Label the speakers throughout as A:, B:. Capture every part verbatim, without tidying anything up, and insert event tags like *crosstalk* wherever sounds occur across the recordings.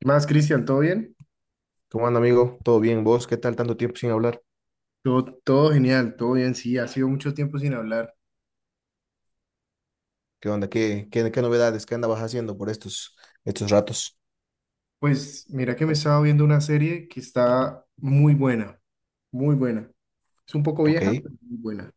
A: ¿Qué más, Cristian? ¿Todo bien?
B: ¿Cómo anda, amigo? ¿Todo bien? ¿Vos? ¿Qué tal tanto tiempo sin hablar?
A: Todo, todo genial, todo bien, sí, ha sido mucho tiempo sin hablar.
B: ¿Qué onda? ¿Qué, qué, qué novedades? ¿Qué andabas haciendo por estos, estos ratos?
A: Pues mira que me estaba viendo una serie que está muy buena, muy buena. Es un poco
B: Ok.
A: vieja, pero muy buena.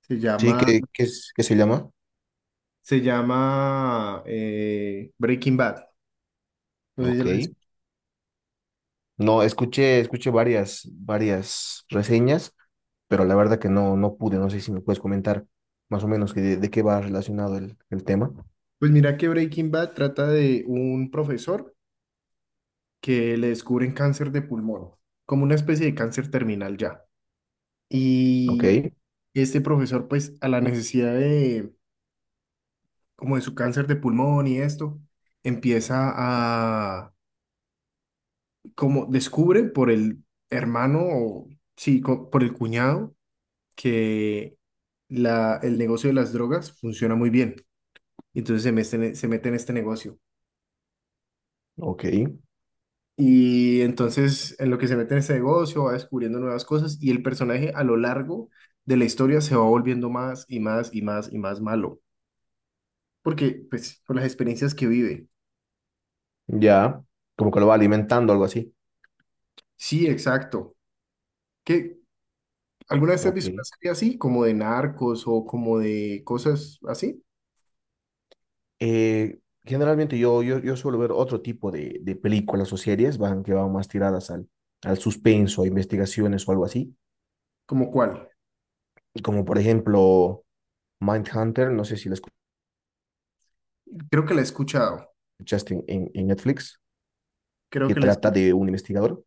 A: Se
B: Sí,
A: llama,
B: ¿qué, qué, es- qué se llama?
A: se llama eh, Breaking Bad. No sé si ya
B: Ok.
A: la has-
B: No, escuché, escuché varias, varias reseñas, pero la verdad que no, no pude. No sé si me puedes comentar más o menos que de, de qué va relacionado el, el tema.
A: Pues mira que Breaking Bad trata de un profesor que le descubren cáncer de pulmón, como una especie de cáncer terminal ya.
B: Ok,
A: Y este profesor, pues, a la necesidad de como de su cáncer de pulmón y esto, empieza a, como descubre por el hermano o, sí, co- por el cuñado, que la, el negocio de las drogas funciona muy bien. Y entonces se mete, en e- se mete en este negocio.
B: ok.
A: Y entonces en lo que se mete en este negocio va descubriendo nuevas cosas y el personaje a lo largo de la historia se va volviendo más y más y más y más malo. Porque, pues, por las experiencias que vive.
B: Ya, como que lo va alimentando, algo así.
A: Sí, exacto. ¿Qué, ¿Alguna vez has
B: Ok.
A: visto una serie así, como de narcos o como de cosas así?
B: Eh, generalmente yo, yo, yo suelo ver otro tipo de, de películas o series van, que van más tiradas al, al suspenso, a investigaciones o algo así,
A: ¿Como cuál?
B: como por ejemplo Mindhunter, no sé si la
A: Creo que la he escuchado.
B: escuchaste en, en, en Netflix,
A: Creo
B: que
A: que la he
B: trata
A: escuchado.
B: de un investigador.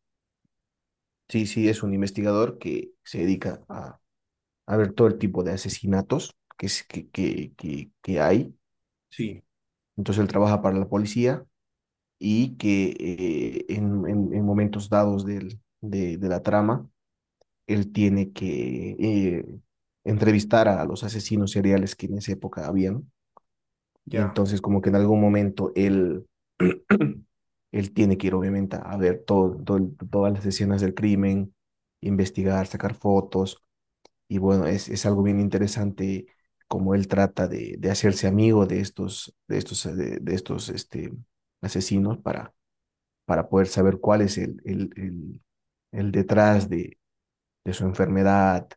B: Sí, sí, es un investigador que se dedica a, a ver todo el tipo de asesinatos que, es- que, que, que, que hay.
A: Sí,
B: Entonces él trabaja para la policía y que eh, en, en, en momentos dados del, de, de la trama él tiene que eh, entrevistar a los asesinos seriales que en esa época habían. Y
A: ya.
B: entonces como que en algún momento él, *clears throat* él tiene que ir obviamente a ver todo, todo- todas las escenas del crimen, investigar, sacar fotos. Y bueno, es, es algo bien interesante como él trata de, de hacerse amigo de estos, de estos, eh, de, de estos este, asesinos para, para poder saber cuál es el, el, el, el detrás de, de su enfermedad,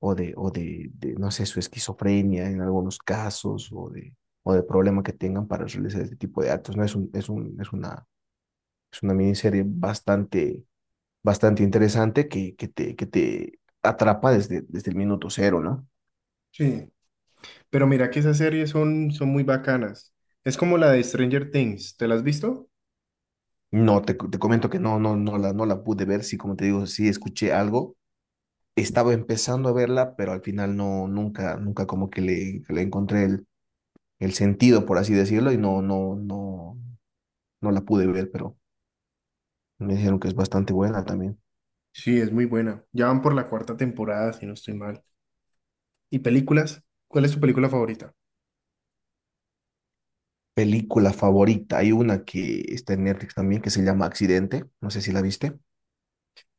B: o de, o de, de, no sé, su esquizofrenia en algunos casos, o de, o de problema que tengan para realizar este tipo de actos, ¿no? Es un, es un, es una, es una miniserie bastante, bastante interesante que, que te, que te atrapa desde, desde el minuto cero, ¿no?
A: Sí. Pero mira que esas series son, son muy bacanas. Es como la de Stranger Things. ¿Te la has visto?
B: No, te, te comento que no, no, no la, no la pude ver, sí, como te digo, sí escuché algo, estaba empezando a verla, pero al final no, nunca, nunca como que le, le encontré el, el sentido, por así decirlo, y no, no, no, no la pude ver, pero me dijeron que es bastante buena también.
A: Sí, es muy buena. Ya van por la cuarta temporada, si no estoy mal. ¿Y películas? ¿Cuál es tu película favorita?
B: Película favorita. Hay una que está en Netflix también que se llama Accidente. No sé si la viste.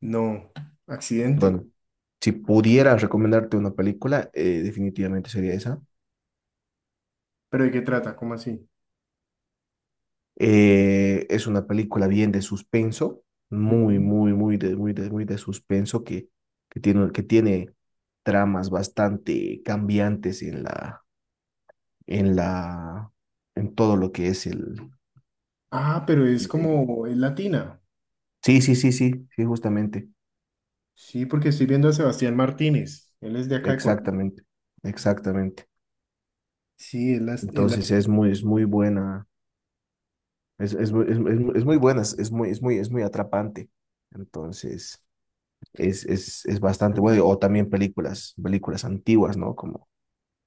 A: No. ¿Accidente?
B: Bueno, si pudiera recomendarte una película, eh, definitivamente sería esa.
A: ¿Pero de qué trata? ¿Cómo así?
B: Eh, es una película bien de suspenso, muy,
A: Ujú.
B: muy, muy de, muy de, muy de suspenso que, que tiene, que tiene tramas bastante cambiantes en la, en la, en todo lo que es el,
A: Ah, pero es
B: el- el-
A: como, es latina.
B: Sí, sí, sí, sí, sí, justamente.
A: Sí, porque estoy viendo a Sebastián Martínez. Él es de acá de Colombia.
B: Exactamente, exactamente.
A: Sí, el, ast- el
B: Entonces
A: ast-
B: es muy, es muy buena, es, es, muy- es, es muy es muy buena, es es muy, es muy, es muy atrapante. Entonces es, es, es bastante bueno. O también películas, películas antiguas, ¿no? Como,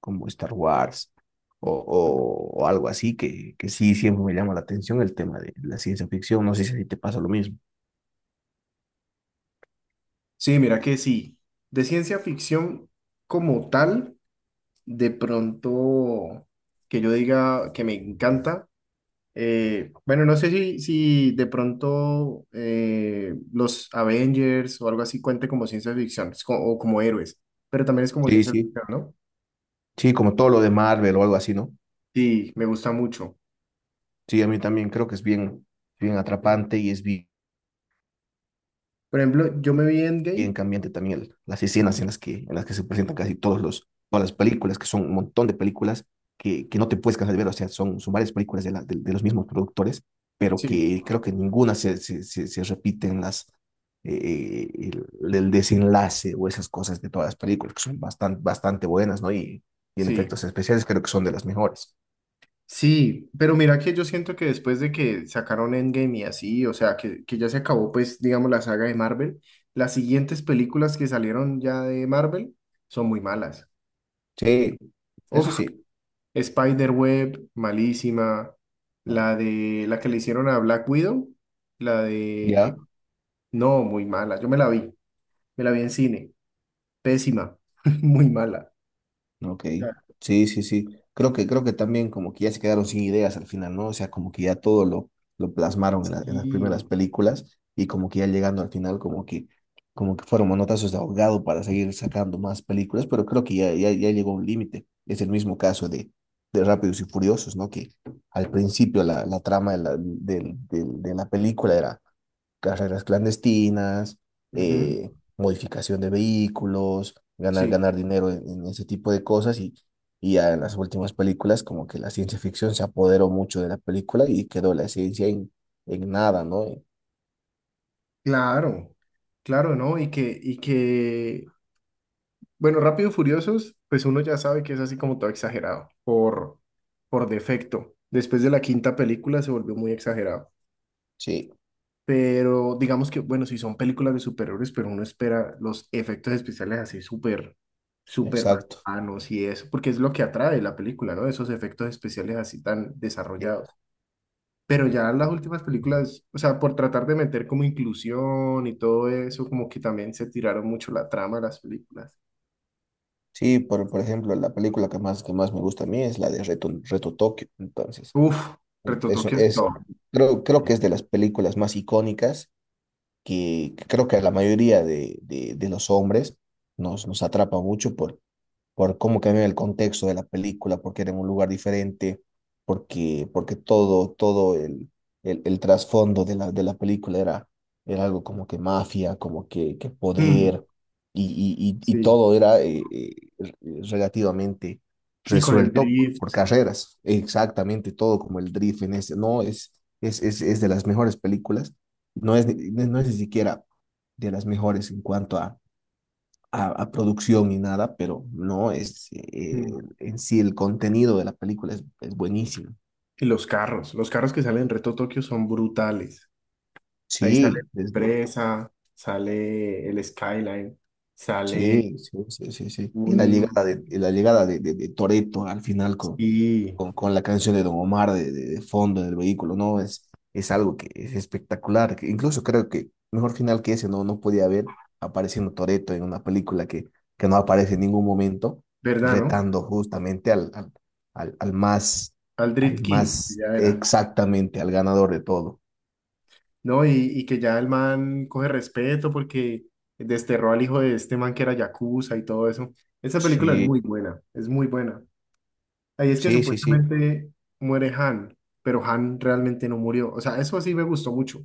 B: como Star Wars o, o, o algo así, que, que sí siempre me llama la atención el tema de la ciencia ficción. No sé si a ti te pasa lo mismo.
A: sí, mira que sí. De ciencia ficción como tal, de pronto que yo diga que me encanta. Eh, bueno, no sé si, si de pronto eh, los Avengers o algo así cuente como ciencia ficción es co- o como héroes, pero también es como
B: Sí,
A: ciencia
B: sí.
A: ficción, ¿no?
B: Sí, como todo lo de Marvel o algo así, ¿no?
A: Sí, me gusta mucho.
B: Sí, a mí también creo que es bien, bien atrapante y es bien
A: Por ejemplo, yo me vi
B: bien
A: Endgame.
B: cambiante también el- las escenas en las que, en las que se presentan casi todos los, todas las películas, que son un montón de películas que, que no te puedes cansar de ver, o sea, son, son varias películas de, la- de- de los mismos productores, pero
A: Sí,
B: que creo que ninguna se, se, se, se repite en las, eh, eh, el, el desenlace o esas cosas de todas las películas, que son bastante, bastante buenas, ¿no? Y, y en
A: sí.
B: efectos especiales creo que son de las mejores.
A: Sí, pero mira que yo siento que después de que sacaron Endgame y así, o sea, que, que ya se acabó, pues, digamos, la saga de Marvel, las siguientes películas que salieron ya de Marvel son muy malas.
B: Sí, eso
A: Uf,
B: sí,
A: Spider-Web, malísima. La de la que le hicieron a Black Widow, la de.
B: ya.
A: No, muy mala. Yo me la vi, me la vi en cine. Pésima, *laughs* muy mala.
B: Ok,
A: Ya,
B: sí, sí, sí. Creo que, creo que también como que ya se quedaron sin ideas al final, ¿no? O sea, como que ya todo lo, lo plasmaron en, la- en las
A: sí,
B: primeras películas y como que ya llegando al final como que, como que fueron manotazos de ahogado para seguir sacando más películas, pero creo que ya, ya, ya llegó un límite. Es el mismo caso de, de Rápidos y Furiosos, ¿no? Que al principio la, la trama de la, del- del- de la película era carreras clandestinas,
A: ujú,
B: eh, modificación de vehículos, ganar,
A: sí,
B: ganar dinero en, en ese tipo de cosas y, y ya en las últimas películas como que la ciencia ficción se apoderó mucho de la película y quedó la ciencia en, en nada, ¿no? Eh,
A: claro, claro, ¿no? Y que, y que bueno, Rápido y Furiosos, pues uno ya sabe que es así como todo exagerado, por, por defecto. Después de la quinta película se volvió muy exagerado.
B: Sí,
A: Pero digamos que, bueno, si son películas de superhéroes, pero uno espera los efectos especiales así súper, súper
B: exacto.
A: bacanos y eso, porque es lo que atrae la película, ¿no? Esos efectos especiales así tan
B: Sí,
A: desarrollados. Pero ya las últimas películas, o sea, por tratar de meter como inclusión y todo eso, como que también se tiraron mucho la trama de las películas.
B: sí, por, por ejemplo, la película que más, que más me gusta a mí es la de Reto, Reto Tokio. Entonces,
A: Uf,
B: eso
A: retotoques
B: es,
A: todo.
B: creo, creo que es de las películas más icónicas que, que creo que a la mayoría de, de- de los hombres nos, nos atrapa mucho por, por cómo cambian el contexto de la película, porque era en un lugar diferente, porque, porque todo, todo el, el, el trasfondo de la, de la película era, era algo como que mafia, como que, que
A: Mm,
B: poder, y, y, y, y
A: sí,
B: todo era eh, eh, relativamente
A: y con el
B: resuelto
A: drift
B: por carreras, exactamente todo como el drift en este, no, es, es, es, es de las mejores películas, no es, ni- no es ni siquiera de las mejores en cuanto a a, a producción ni nada, pero no, es,
A: mm,
B: eh, en sí el contenido de la película es, es buenísimo.
A: y los carros, los carros que salen en Reto Tokio son brutales. Ahí sale
B: Sí, desde
A: Presa, sale el Skyline, sale
B: sí, sí, sí, sí, sí. Y la
A: un...
B: llegada de, y la llegada de, de, de Toretto al final con,
A: Sí,
B: con, con la canción de Don Omar de, de, de fondo en el vehículo, ¿no? Es, es algo que es espectacular. Que incluso creo que mejor final que ese no, no podía haber apareciendo Toretto en una película que, que no aparece en ningún momento,
A: ¿verdad, no?
B: retando justamente al, al, al, al más,
A: Al
B: al
A: Drift King,
B: más
A: ya era.
B: exactamente, al ganador de todo.
A: No, y, y que ya el man coge respeto porque desterró al hijo de este man que era Yakuza y todo eso. Esa película es muy
B: Sí,
A: buena, es muy buena. Ahí es que
B: sí, sí, sí.
A: supuestamente muere Han, pero Han realmente no murió. O sea, eso sí me gustó mucho.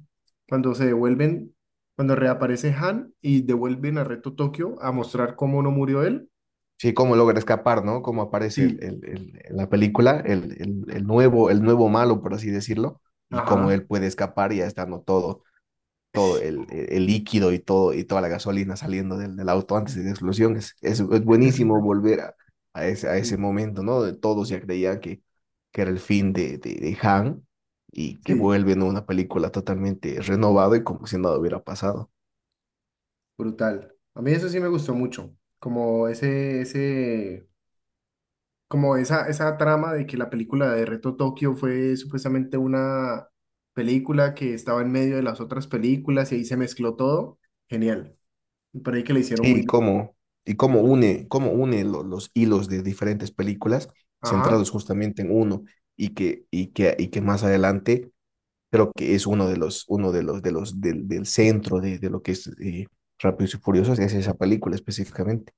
A: Cuando se devuelven, cuando reaparece Han y devuelven a Reto Tokio a mostrar cómo no murió él.
B: Sí, cómo logra escapar, ¿no? Cómo aparece el-
A: Sí.
B: el- el- en la película, el, el- el nuevo, el nuevo malo, por así decirlo, y cómo
A: Ajá.
B: él puede escapar ya estando todo, todo
A: *laughs*
B: el, el- líquido y todo, y toda la gasolina saliendo del, del auto antes de la explosión. Es, es, es buenísimo volver a, a ese, a ese
A: Sí,
B: momento, ¿no? De todos ya creían que, que era el fin de, de, de Han y que
A: sí,
B: vuelve en una película totalmente renovada y como si nada hubiera pasado.
A: brutal. A mí eso sí me gustó mucho. Como ese, ese, como esa, esa trama de que la película de Reto Tokio fue supuestamente una película que estaba en medio de las otras películas y ahí se mezcló todo. Genial. Me ahí que le hicieron
B: Sí,
A: muy
B: y cómo, y cómo une, cómo une lo- los hilos de diferentes películas
A: ajá,
B: centrados justamente en uno y que, y que, y que más adelante creo que es uno de los, uno de los, de los, del, del centro de, de lo que es eh, Rápidos y Furiosos, es esa película específicamente.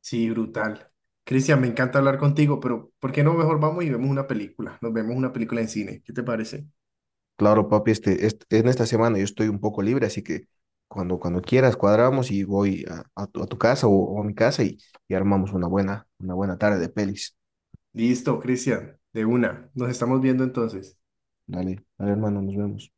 A: sí, brutal. Cristian, me encanta hablar contigo, pero ¿por qué no mejor vamos y vemos una película? Nos vemos una película en cine. ¿Qué te parece?
B: Claro, papi, este, este- en esta semana yo estoy un poco libre, así que cuando, cuando quieras cuadramos y voy a, a tu, a tu casa o, o a mi casa y, y armamos una buena, una buena tarde de pelis.
A: Listo, Cristian, de una. Nos estamos viendo entonces.
B: Dale, dale, hermano, nos vemos.